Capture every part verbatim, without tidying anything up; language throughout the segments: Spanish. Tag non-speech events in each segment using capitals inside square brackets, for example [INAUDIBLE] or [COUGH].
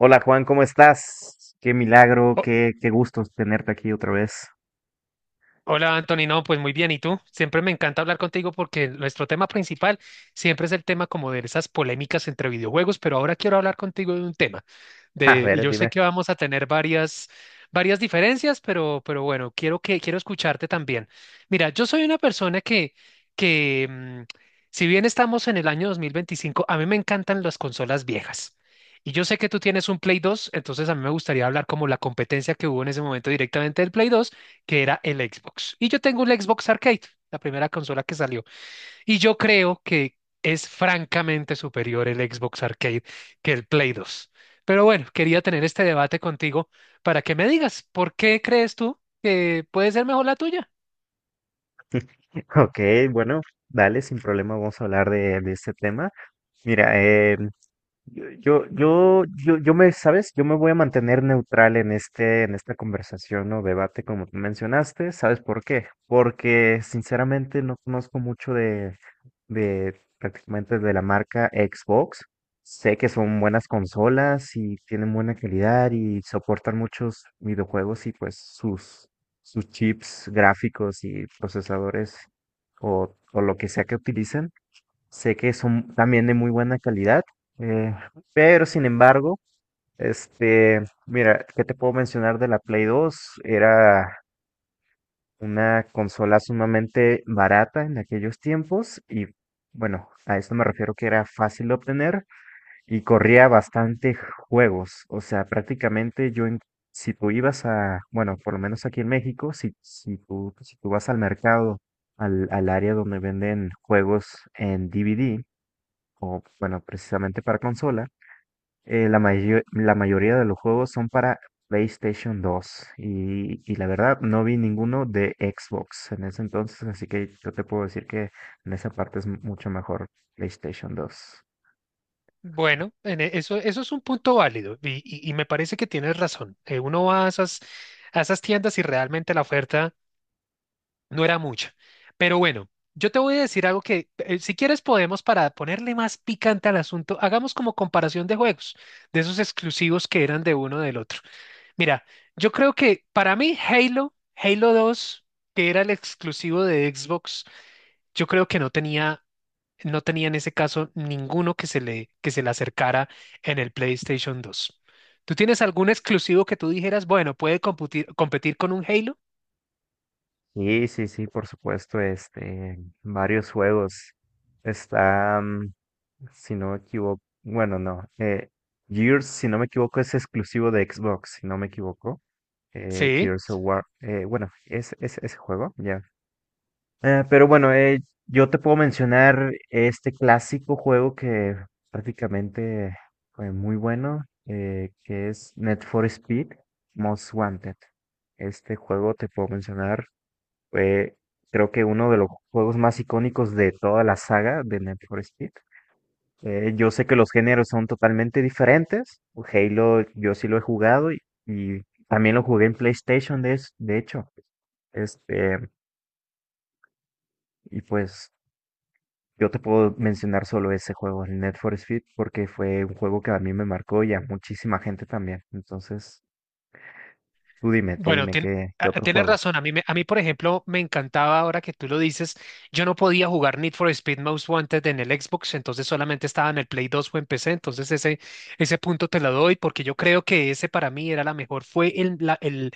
Hola Juan, ¿cómo estás? Qué milagro, Ho- qué, qué gusto tenerte aquí otra vez. Hola Anthony, no, pues muy bien, ¿y tú? Siempre me encanta hablar contigo porque nuestro tema principal siempre es el tema como de esas polémicas entre videojuegos, pero ahora quiero hablar contigo de un tema [LAUGHS] A de, y ver, yo sé dime. que vamos a tener varias, varias diferencias, pero, pero bueno, quiero que, quiero escucharte también. Mira, yo soy una persona que, que mm, si bien estamos en el año dos mil veinticinco, a mí me encantan las consolas viejas. Y yo sé que tú tienes un Play dos. Entonces a mí me gustaría hablar como la competencia que hubo en ese momento directamente del Play dos, que era el Xbox. Y yo tengo un Xbox Arcade, la primera consola que salió. Y yo creo que es francamente superior el Xbox Arcade que el Play dos. Pero bueno, quería tener este debate contigo para que me digas, ¿por qué crees tú que puede ser mejor la tuya? [LAUGHS] Ok, bueno, dale, sin problema, vamos a hablar de, de este tema. Mira, em, Yo, yo, yo, yo, yo me, ¿sabes? Yo me voy a mantener neutral en este, en esta conversación o debate, como tú mencionaste. ¿Sabes por qué? Porque sinceramente no conozco mucho de, de prácticamente de la marca Xbox. Sé que son buenas consolas y tienen buena calidad y soportan muchos videojuegos y pues sus, sus chips gráficos y procesadores o, o lo que sea que utilicen. Sé que son también de muy buena calidad, eh, pero sin embargo, este, mira, ¿qué te puedo mencionar de la Play dos? Era una consola sumamente barata en aquellos tiempos y bueno, a esto me refiero que era fácil de obtener y corría bastante juegos. O sea, prácticamente yo, en- si tú ibas a, bueno, por lo menos aquí en México, si, si tú, si tú vas al mercado, al, al área donde venden juegos en D V D, o, bueno, precisamente para consola, eh, la mayo- la mayoría de los juegos son para PlayStation dos y, y la verdad no vi ninguno de Xbox en ese entonces, así que yo te puedo decir que en esa parte es mucho mejor PlayStation dos. Bueno, en e- eso, eso es un punto válido y, y- y me parece que tienes razón. Eh, uno va a esas, a esas tiendas y realmente la oferta no era mucho. Pero bueno, yo te voy a decir algo que, eh, si quieres, podemos, para ponerle más picante al asunto, hagamos como comparación de juegos, de esos exclusivos que eran de uno del otro. Mira, yo creo que para mí Halo, Halo dos, que era el exclusivo de Xbox, yo creo que no tenía, no tenía en ese caso ninguno que se le, que se le acercara en el PlayStation dos. ¿Tú tienes algún exclusivo que tú dijeras, bueno, puede computir- competir con un Halo? Sí, sí, sí, por supuesto, este, varios juegos. Está, mm, si no me equivoco, bueno, no, eh, Gears, si no me equivoco, es exclusivo de Xbox, si no me equivoco. eh, Sí, Gears of sí. War. Eh, bueno, es, es ese juego, ya. Eh, pero bueno, eh, yo te puedo mencionar este clásico juego que prácticamente fue muy bueno, eh, que es Need for Speed Most Wanted. Este juego te puedo mencionar, fue creo que uno de los juegos más icónicos de toda la saga de Need for Speed. Eh, yo sé que los géneros son totalmente diferentes. Halo, yo sí lo he jugado y, y también lo jugué en PlayStation, de, es- de hecho. Este, y pues yo te puedo mencionar solo ese juego, el Need for Speed, porque fue un juego que a mí me marcó y a muchísima gente también. Entonces, tú dime, tú Bueno, dime tien- qué, qué a- otro tienes juego. razón. A mí, me- a mí, por ejemplo, me encantaba ahora que tú lo dices. Yo no podía jugar Need for Speed Most Wanted en el Xbox, entonces solamente estaba en el Play dos o en P C. Entonces ese, ese punto te lo doy porque yo creo que ese para mí era la mejor, fue el, la, el-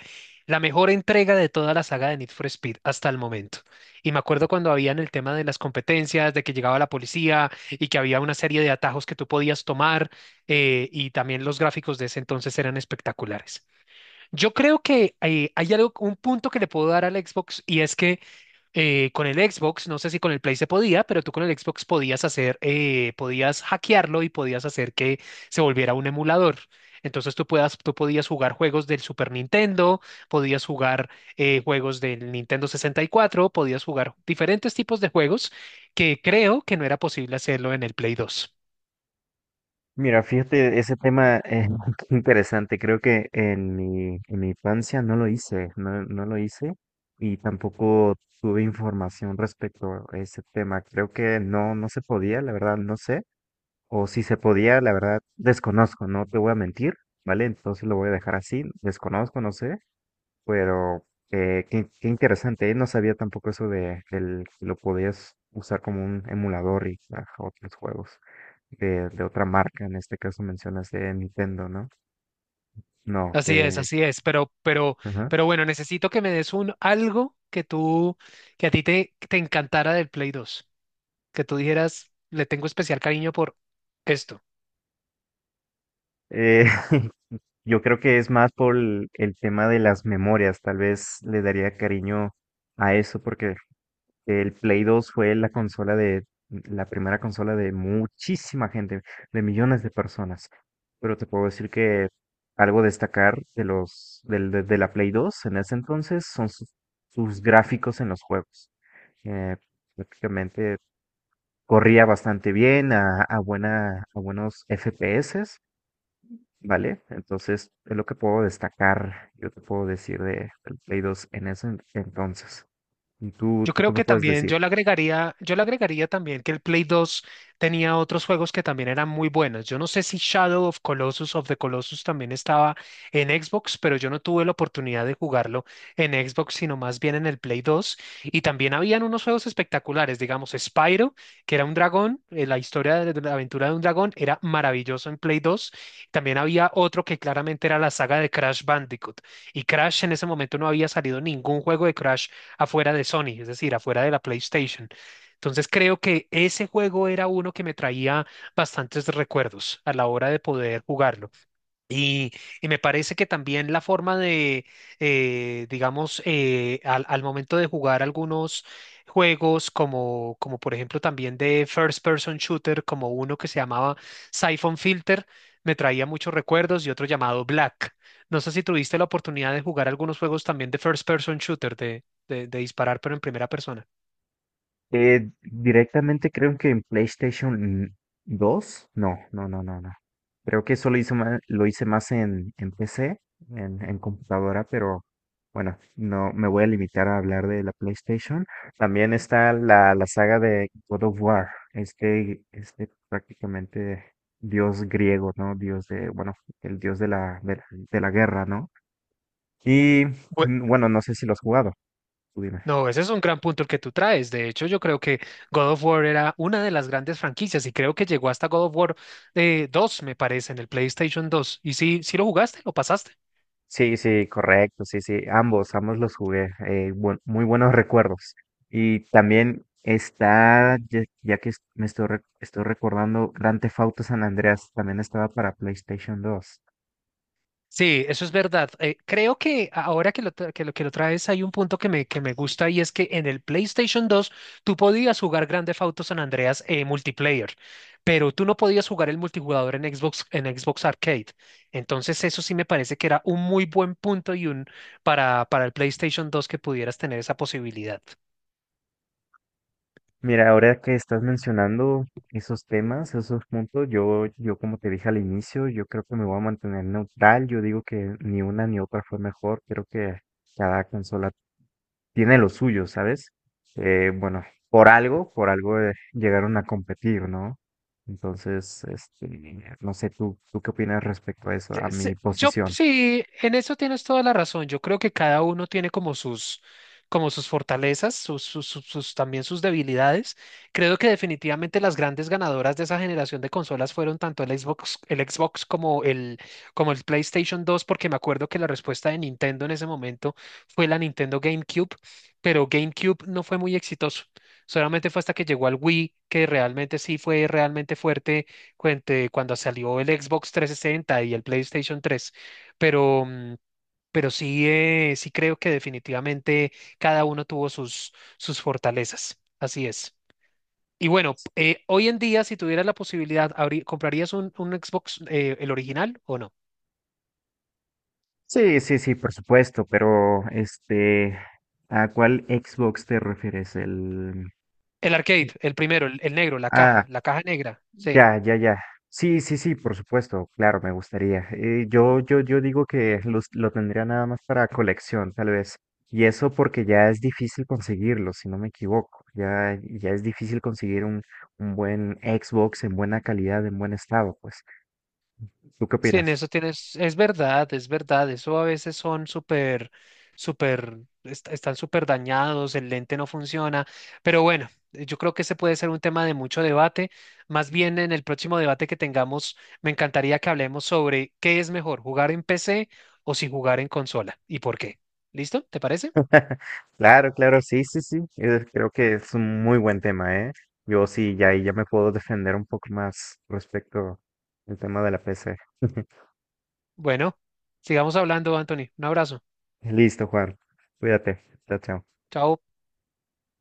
la mejor entrega de toda la saga de Need for Speed hasta el momento. Y me acuerdo cuando habían el tema de las competencias, de que llegaba la policía y que había una serie de atajos que tú podías tomar, eh, y también los gráficos de ese entonces eran espectaculares. Yo creo que eh, hay algo, un punto que le puedo dar al Xbox, y es que eh, con el Xbox, no sé si con el Play se podía, pero tú con el Xbox podías hacer, eh, podías hackearlo y podías hacer que se volviera un emulador. Entonces tú, puedas, tú podías jugar juegos del Super Nintendo, podías jugar, eh, juegos del Nintendo sesenta y cuatro, podías jugar diferentes tipos de juegos que creo que no era posible hacerlo en el Play dos. Mira, fíjate, ese tema es [LAUGHS] interesante. Creo que en mi, en mi infancia no lo hice, no, no lo hice y tampoco tuve información respecto a ese tema. Creo que no, no se podía, la verdad, no sé. O si se podía, la verdad, desconozco, no te voy a mentir, ¿vale? Entonces lo voy a dejar así, desconozco, no sé. Pero eh, qué, qué interesante, ¿eh? No sabía tampoco eso de el, que lo podías usar como un emulador y a otros juegos de, de otra marca. En este caso mencionas de Nintendo, ¿no? No, Así es, que... así es, pero, pero, ajá. pero bueno, necesito que me des un algo que tú, que a ti te, te encantara del Play dos, que tú dijeras, le tengo especial cariño por esto. Eh, [LAUGHS] yo creo que es más por el, el tema de las memorias. Tal vez le daría cariño a eso porque que el Play dos fue la consola de, la primera consola de muchísima gente, de millones de personas. Pero te puedo decir que algo destacar de los, del- de, de la Play dos en ese entonces son sus, sus gráficos en los juegos. Eh, prácticamente corría bastante bien a, a buena, a buenos F P S, ¿vale? Entonces es lo que puedo destacar, yo te puedo decir de, del Play dos en ese en- entonces. ¿Y tú, Yo tú qué creo me que puedes también, decir? yo le agregaría, yo le agregaría también que el Play dos tenía otros juegos que también eran muy buenos. Yo no sé si Shadow of Colossus of the Colossus también estaba en Xbox, pero yo no tuve la oportunidad de jugarlo en Xbox, sino más bien en el Play dos. Y también habían unos juegos espectaculares, digamos Spyro, que era un dragón, eh, la historia de de la aventura de un dragón era maravilloso en Play dos. También había otro que claramente era la saga de Crash Bandicoot. Y Crash en ese momento no había salido ningún juego de Crash afuera de Sony, es decir, afuera de la PlayStation. Entonces creo que ese juego era uno que me traía bastantes recuerdos a la hora de poder jugarlo. Y, y me parece que también la forma de, eh, digamos, eh, al, al momento de jugar algunos juegos, como, como por ejemplo también de First Person Shooter, como uno que se llamaba Siphon Filter, me traía muchos recuerdos y otro llamado Black. No sé si tuviste la oportunidad de jugar algunos juegos también de First Person Shooter, de, de, de disparar pero en primera persona. Eh, directamente creo que en PlayStation dos. No, no, no, no, no. Creo que eso lo hice más, lo hice más en, en P C, en, en computadora, pero bueno, no me voy a limitar a hablar de la PlayStation. También está la, la saga de God of War, este, este prácticamente dios griego, ¿no? Dios de, bueno, el dios de la, de la, de la guerra, ¿no? Y mm, bueno, no sé si lo has jugado, tú dime. No, ese es un gran punto el que tú traes. De hecho, yo creo que God of War era una de las grandes franquicias y creo que llegó hasta God of War, eh, dos, me parece, en el PlayStation dos. ¿Y si, si lo jugaste? ¿Lo pasaste? Sí, sí, correcto, sí, sí, ambos, ambos los jugué, eh, buen- muy buenos recuerdos. Y también está, ya, ya que es- me estoy, re- estoy recordando, Grand Theft Auto San Andreas también estaba para PlayStation dos. Sí, eso es verdad. Eh, creo que ahora que lo, tra- que lo, que lo traes hay un punto que me, que me gusta, y es que en el PlayStation dos tú podías jugar Grand Theft Auto San Andreas, eh, multiplayer, pero tú no podías jugar el multijugador en Xbox, en Xbox Arcade. Entonces eso sí me parece que era un muy buen punto para, para el PlayStation dos, que pudieras tener esa posibilidad. Mira, ahora que estás mencionando esos temas, esos puntos, yo, yo como te dije al inicio, yo creo que me voy a mantener neutral, yo digo que ni una ni otra fue mejor, creo que cada consola tiene lo suyo, ¿sabes? Eh, bueno, por algo, por algo eh, llegaron a competir, ¿no? Entonces, este, no sé, ¿tú, tú qué opinas respecto a eso, a Se- mi se- Yo posición? sí, en eso tienes toda la razón. Yo creo que cada uno tiene como sus, como sus fortalezas, sus, sus- sus- sus- también sus debilidades. Creo que definitivamente las grandes ganadoras de esa generación de consolas fueron tanto el Xbox, el Xbox como el, como el PlayStation dos, porque me acuerdo que la respuesta de Nintendo en ese momento fue la Nintendo GameCube, pero GameCube no fue muy exitoso. Solamente fue hasta que llegó al Wii que realmente sí fue realmente fuerte cuente- cuando salió el Xbox trescientos sesenta y el PlayStation tres, pero, mm, pero sí, eh, sí creo que definitivamente cada uno tuvo sus, sus fortalezas. Así es. Y bueno, eh, hoy en día, si tuvieras la posibilidad, abrí- ¿comprarías un, un Xbox, eh, el original o no? Sí, sí, sí, por supuesto, pero este, ¿a cuál Xbox te refieres? El, El arcade, el primero, el, el negro, la ah, caja, la caja negra. Sí. ya, ya, ya. Sí, sí, sí, por supuesto, claro, me gustaría. Eh, yo, yo, yo digo que los- lo tendría nada más para colección, tal vez. Y eso porque ya es difícil conseguirlo, si no me equivoco. Ya, ya es difícil conseguir un, un buen Xbox en buena calidad, en buen estado, pues. ¿Tú qué Sí, en opinas? eso tienes, es verdad, es verdad, eso a veces son súper, súper, est- están súper dañados, el lente no funciona, pero bueno, eh, yo creo que ese puede ser un tema de mucho debate, más bien en el próximo debate que tengamos. Me encantaría que hablemos sobre qué es mejor, jugar en P C o si jugar en consola, y por qué. ¿Listo? ¿Te parece? [LAUGHS] Claro, claro, sí, sí, sí. Eh, creo que es un muy buen tema, ¿eh? Yo sí, ya, ahí ya me puedo defender un poco más respecto al tema de la P C. [LAUGHS] Bueno, sigamos hablando, Anthony, un abrazo, Listo, Juan. Cuídate. Chao, chao. chao.